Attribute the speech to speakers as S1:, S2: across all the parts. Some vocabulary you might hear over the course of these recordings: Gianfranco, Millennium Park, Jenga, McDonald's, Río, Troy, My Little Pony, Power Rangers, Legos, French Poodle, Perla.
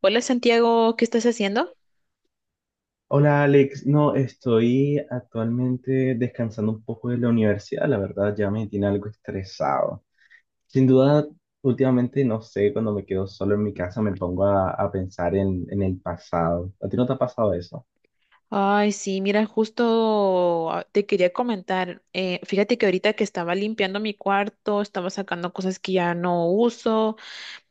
S1: Hola Santiago, ¿qué estás haciendo?
S2: Hola Alex, no, estoy actualmente descansando un poco de la universidad, la verdad ya me tiene algo estresado. Sin duda, últimamente no sé, cuando me quedo solo en mi casa me pongo a pensar en el pasado. ¿A ti no te ha pasado eso?
S1: Ay, sí, mira, justo te quería comentar, fíjate que ahorita que estaba limpiando mi cuarto, estaba sacando cosas que ya no uso,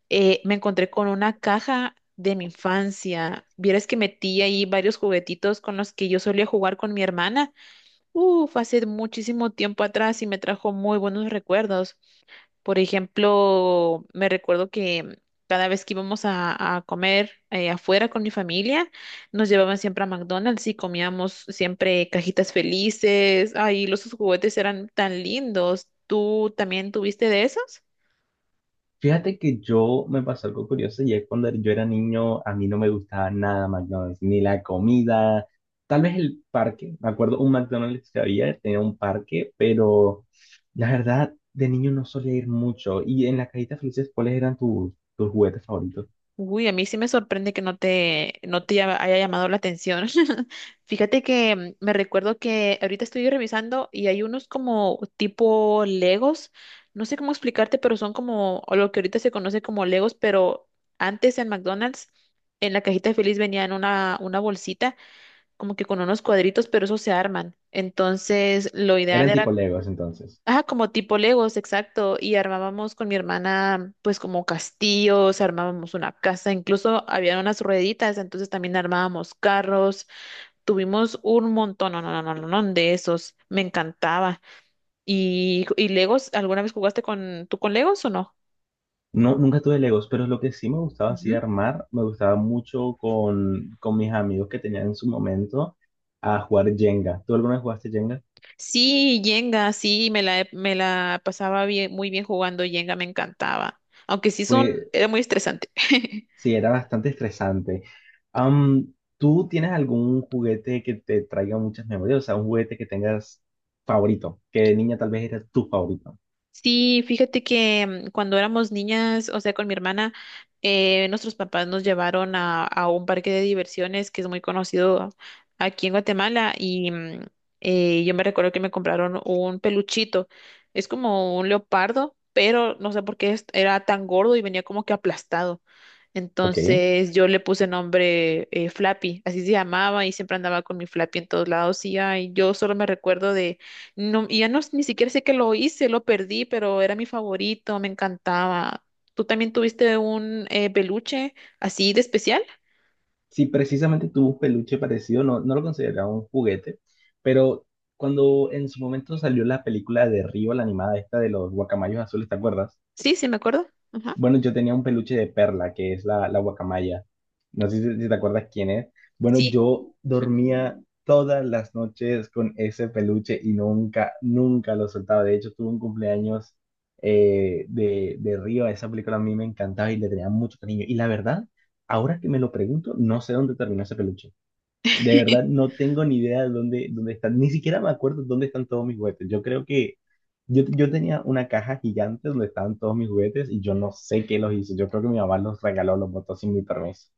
S1: me encontré con una caja de mi infancia. Vieras que metí ahí varios juguetitos con los que yo solía jugar con mi hermana. Uf, hace muchísimo tiempo atrás y me trajo muy buenos recuerdos. Por ejemplo, me recuerdo que cada vez que íbamos a comer afuera con mi familia, nos llevaban siempre a McDonald's y comíamos siempre cajitas felices. Ay, los juguetes eran tan lindos. ¿Tú también tuviste de esos?
S2: Fíjate que yo me pasó algo curioso y es cuando yo era niño, a mí no me gustaba nada McDonald's, ni la comida, tal vez el parque. Me acuerdo un McDonald's que había, tenía un parque, pero la verdad, de niño no solía ir mucho. Y en las cajitas felices, ¿cuáles eran tus juguetes favoritos?
S1: Uy, a mí sí me sorprende que no te haya llamado la atención. Fíjate que mm, me recuerdo que ahorita estoy revisando y hay unos como tipo Legos. No sé cómo explicarte, pero son como o lo que ahorita se conoce como Legos, pero antes en McDonald's, en la cajita feliz venían una bolsita como que con unos cuadritos, pero esos se arman. Entonces, lo ideal
S2: Eran tipo
S1: era
S2: Legos entonces.
S1: Ajá, como tipo Legos, exacto. Y armábamos con mi hermana, pues como castillos, armábamos una casa, incluso había unas rueditas, entonces también armábamos carros. Tuvimos un montón, no, no, no, no, no, no, de esos. Me encantaba. Y Legos, ¿alguna vez jugaste con tú con Legos o no?
S2: No, nunca tuve Legos, pero lo que sí me gustaba así
S1: Ujú.
S2: armar, me gustaba mucho con mis amigos que tenía en su momento a jugar Jenga. ¿Tú alguna vez jugaste Jenga?
S1: Sí, Jenga, sí, me la pasaba bien, muy bien jugando Jenga, me encantaba. Aunque sí son,
S2: Pues
S1: era muy estresante.
S2: sí, era bastante estresante. Am, ¿Tú tienes algún juguete que te traiga muchas memorias? O sea, un juguete que tengas favorito, que de niña tal vez era tu favorito.
S1: Sí, fíjate que mm, cuando éramos niñas, o sea, con mi hermana, nuestros papás nos llevaron a un parque de diversiones que es muy conocido aquí en Guatemala y mm, yo me recuerdo que me compraron un peluchito. Es como un leopardo, pero no sé por qué era tan gordo y venía como que aplastado.
S2: Ok.
S1: Entonces yo le puse nombre Flappy, así se llamaba y siempre andaba con mi Flappy en todos lados y ay, yo solo me recuerdo de, no, y ya no, ni siquiera sé que lo hice, lo perdí, pero era mi favorito, me encantaba. ¿Tú también tuviste un peluche así de especial?
S2: Si precisamente tuvo un peluche parecido, no, no lo consideraba un juguete, pero cuando en su momento salió la película de Río, la animada esta de los guacamayos azules, ¿te acuerdas?
S1: Sí, sí, me acuerdo. Ajá.
S2: Bueno, yo tenía un peluche de Perla, que es la guacamaya. No sé si te acuerdas quién es. Bueno,
S1: Sí.
S2: yo
S1: Ujú.
S2: dormía todas las noches con ese peluche y nunca, nunca lo soltaba. De hecho, tuve un cumpleaños de Río. Esa película a mí me encantaba y le tenía mucho cariño. Y la verdad, ahora que me lo pregunto, no sé dónde terminó ese peluche. De verdad, no tengo ni idea de dónde, dónde están. Ni siquiera me acuerdo dónde están todos mis juguetes. Yo creo que yo tenía una caja gigante donde estaban todos mis juguetes y yo no sé qué los hizo. Yo creo que mi mamá los regaló, los botó sin mi permiso.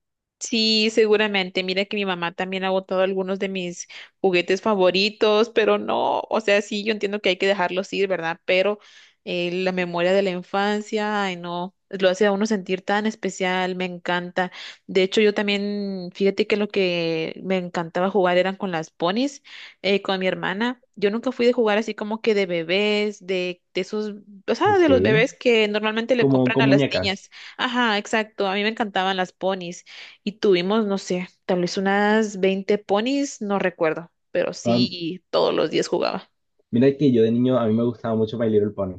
S1: Sí, seguramente. Mira que mi mamá también ha botado algunos de mis juguetes favoritos, pero no, o sea, sí, yo entiendo que hay que dejarlos ir, ¿verdad? Pero la memoria de la infancia, ay, no, lo hace a uno sentir tan especial, me encanta. De hecho, yo también, fíjate que lo que me encantaba jugar eran con las ponis, con mi hermana. Yo nunca fui de jugar así como que de bebés, de esos, o sea, de
S2: Ok.
S1: los bebés que normalmente le
S2: Como
S1: compran a
S2: con
S1: las niñas.
S2: muñecas.
S1: Ajá, exacto. A mí me encantaban las ponis. Y tuvimos, no sé, tal vez unas 20 ponis, no recuerdo, pero
S2: Ah,
S1: sí todos los días jugaba.
S2: mira que yo de niño a mí me gustaba mucho My Little Pony.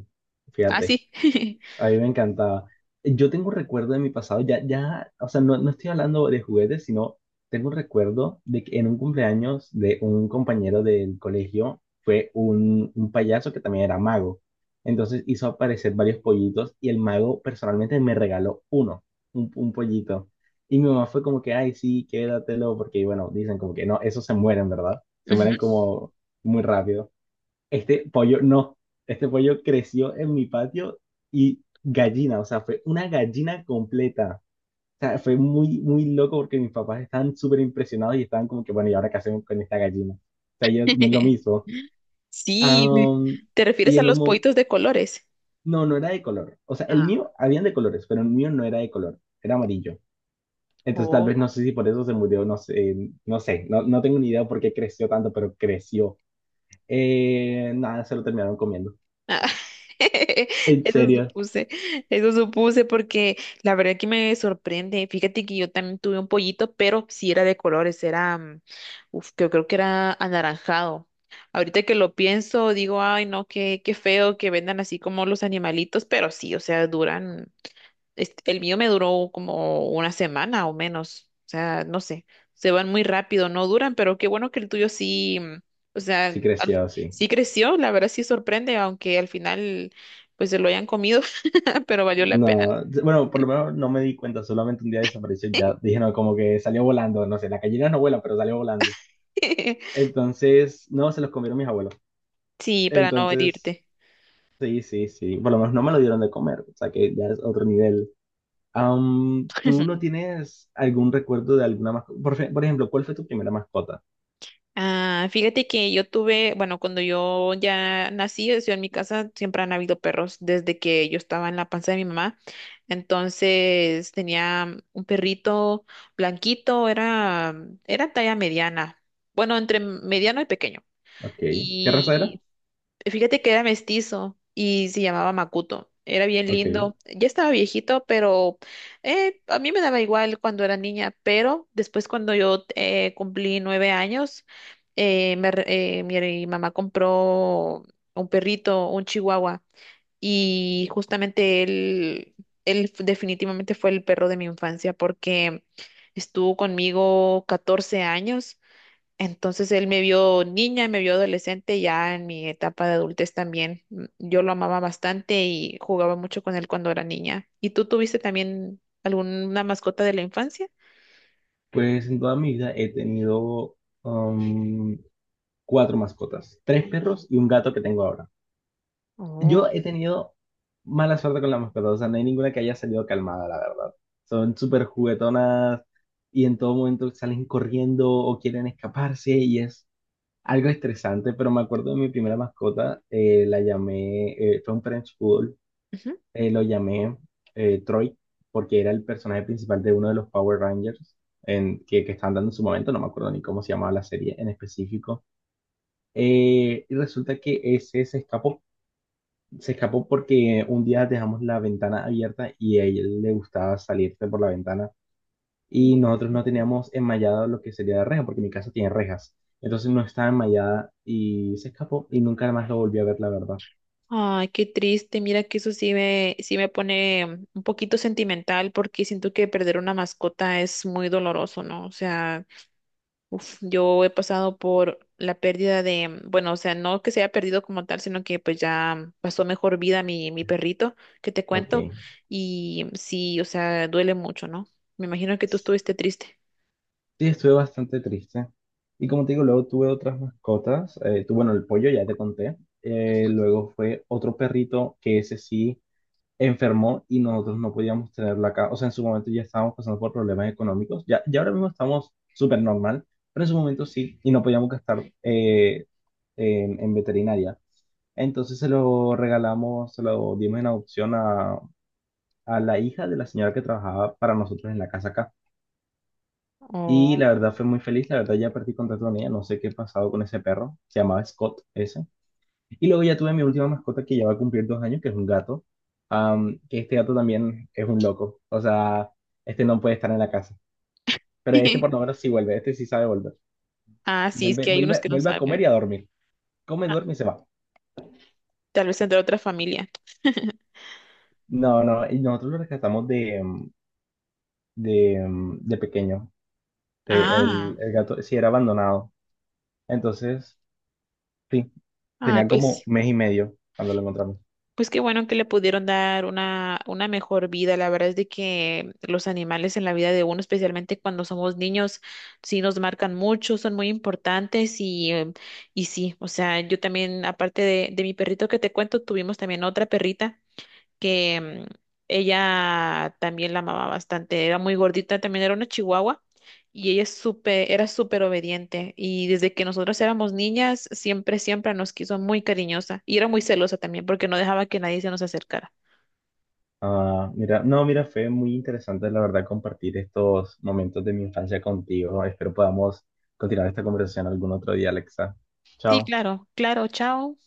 S1: Ah,
S2: Fíjate.
S1: sí.
S2: A mí me encantaba. Yo tengo un recuerdo de mi pasado, ya, ya, o sea, no, no estoy hablando de juguetes, sino tengo un recuerdo de que en un cumpleaños de un compañero del colegio fue un payaso que también era mago. Entonces hizo aparecer varios pollitos y el mago personalmente me regaló uno, un pollito. Y mi mamá fue como que, ay, sí, quédatelo, porque bueno, dicen como que no, esos se mueren, ¿verdad? Se
S1: Ujú.
S2: mueren como muy rápido. Este pollo, no, este pollo creció en mi patio y gallina, o sea, fue una gallina completa. O sea, fue muy, muy loco porque mis papás estaban súper impresionados y estaban como que, bueno, ¿y ahora qué hacemos con esta gallina? O sea, yo no es lo mismo.
S1: Sí, me-
S2: Am,
S1: ¿te refieres
S2: y
S1: a
S2: en un
S1: los
S2: momento,
S1: pollitos de colores?
S2: no, no era de color. O sea, el mío, habían de colores, pero el mío no era de color, era amarillo. Entonces tal vez
S1: Ah,
S2: no sé si por eso se murió, no sé, no sé, no, no tengo ni idea por qué creció tanto, pero creció. Nada, se lo terminaron comiendo.
S1: ah,
S2: En
S1: eso
S2: serio,
S1: supuse, eso supuse porque la verdad que me sorprende. Fíjate que yo también tuve un pollito, pero sí era de colores, era, mm, uf, yo creo que era anaranjado. Ahorita que lo pienso, digo, ay, no, qué, qué feo que vendan así como los animalitos, pero sí, o sea, duran este, el mío me duró como una semana o menos. O sea, no sé, se van muy rápido, no duran, pero qué bueno que el tuyo sí, mm, o sea,
S2: sí
S1: al-
S2: creció, sí.
S1: sí creció, la verdad sí sorprende, aunque al final pues se lo hayan comido, pero valió la pena.
S2: No, bueno, por lo menos no me di cuenta, solamente un día desapareció, y ya dije, no, como que salió volando, no sé, las gallinas no vuelan, pero salió volando. Entonces, no, se los comieron mis abuelos.
S1: Sí, para no
S2: Entonces,
S1: herirte.
S2: sí, sí, sí, por lo menos no me lo dieron de comer, o sea que ya es otro nivel. ¿Tú no tienes algún recuerdo de alguna mascota? Por, fe- por ejemplo, ¿cuál fue tu primera mascota?
S1: Ah, fíjate que yo tuve, bueno, cuando yo ya nací, o sea, en mi casa siempre han habido perros desde que yo estaba en la panza de mi mamá. Entonces tenía un perrito blanquito, era, era talla mediana, bueno, entre mediano y pequeño.
S2: Ok, ¿qué raza era?
S1: Y fíjate que era mestizo y se llamaba Makuto. Era bien
S2: Ok,
S1: lindo. Ya estaba viejito, pero a mí me daba igual cuando era niña. Pero después cuando yo cumplí 9 años, mi mamá compró un perrito, un chihuahua, y justamente definitivamente fue el perro de mi infancia porque estuvo conmigo 14 años entonces él me vio niña, me vio adolescente, ya en mi etapa de adultez también. Mm, yo lo amaba bastante y jugaba mucho con él cuando era niña. ¿Y tú tuviste también alguna mascota de la infancia?
S2: pues en toda mi vida he tenido am, cuatro mascotas, tres perros y un gato que tengo ahora. Yo
S1: Oh.
S2: he tenido mala suerte con las mascotas, o sea, no hay ninguna que haya salido calmada, la verdad. Son súper juguetonas y en todo momento salen corriendo o quieren escaparse y es algo estresante, pero me acuerdo de mi primera mascota, la llamé, fue un French Poodle,
S1: Ujú.
S2: lo llamé Troy porque era el personaje principal de uno de los Power Rangers en, que estaban dando en su momento, no me acuerdo ni cómo se llamaba la serie en específico. Y resulta que ese se escapó porque un día dejamos la ventana abierta y a ella le gustaba salirse por la ventana y nosotros no teníamos enmallado lo que sería la reja porque mi casa tiene rejas. Entonces no estaba enmallada y se escapó y nunca más lo volví a ver, la verdad.
S1: Ay, qué triste. Mira que sí me pone mm, un poquito sentimental porque siento que perder una mascota es muy doloroso, ¿no? O sea, yo he pasado por la pérdida de, bueno, o sea, no que se haya perdido como tal, sino que pues ya pasó mejor vida mi perrito, que te
S2: Ok.
S1: cuento, y sí, o sea, duele mucho, ¿no? Me imagino que tú estuviste triste.
S2: Sí, estuve bastante triste. Y como te digo, luego tuve otras mascotas. Tu- bueno, el pollo ya te conté. Luego fue otro perrito que ese sí enfermó y nosotros no podíamos tenerla acá. O sea, en su momento ya estábamos pasando por problemas económicos, ya, ya ahora mismo estamos súper normal, pero en su momento sí, y no podíamos gastar en veterinaria. Entonces se lo regalamos, se lo dimos en adopción a la hija de la señora que trabajaba para nosotros en la casa acá. Y
S1: Oh.
S2: la verdad fue muy feliz, la verdad ya perdí contacto con ella, no sé qué ha pasado con ese perro, se llamaba Scott ese. Y luego ya tuve mi última mascota que ya va a cumplir 2 años, que es un gato. Am, que este gato también es un loco. O sea, este no puede estar en la casa. Pero este por lo menos sí vuelve, este sí sabe volver.
S1: Ah, sí, es
S2: Vuelve,
S1: que hay unos
S2: vuelve,
S1: que no
S2: vuelve a comer
S1: saben.
S2: y a dormir. Come,
S1: Ah,
S2: duerme y se va.
S1: tal vez entre otra familia.
S2: No, no, y nosotros lo rescatamos de, de pequeño. De-
S1: Ah,
S2: el gato sí era abandonado. Entonces, sí,
S1: ah,
S2: tenía como
S1: pues.
S2: mes y medio cuando lo encontramos.
S1: Pues qué bueno que le pudieron dar una mejor vida. La verdad es de que los animales en la vida de uno, especialmente cuando somos niños, sí nos marcan mucho, son muy importantes y sí, o sea, yo también, aparte de mi perrito que te cuento, tuvimos también otra perrita que mm, ella también la amaba bastante, era muy gordita, también era una chihuahua y ella es súper, era súper obediente y desde que nosotros éramos niñas siempre, siempre nos quiso muy cariñosa y era muy celosa también porque no dejaba que nadie se nos acercara.
S2: Ah, mira, no, mira, fue muy interesante, la verdad, compartir estos momentos de mi infancia contigo. Espero podamos continuar esta conversación algún otro día, Alexa.
S1: Sí,
S2: Chao.
S1: claro, claro, chao.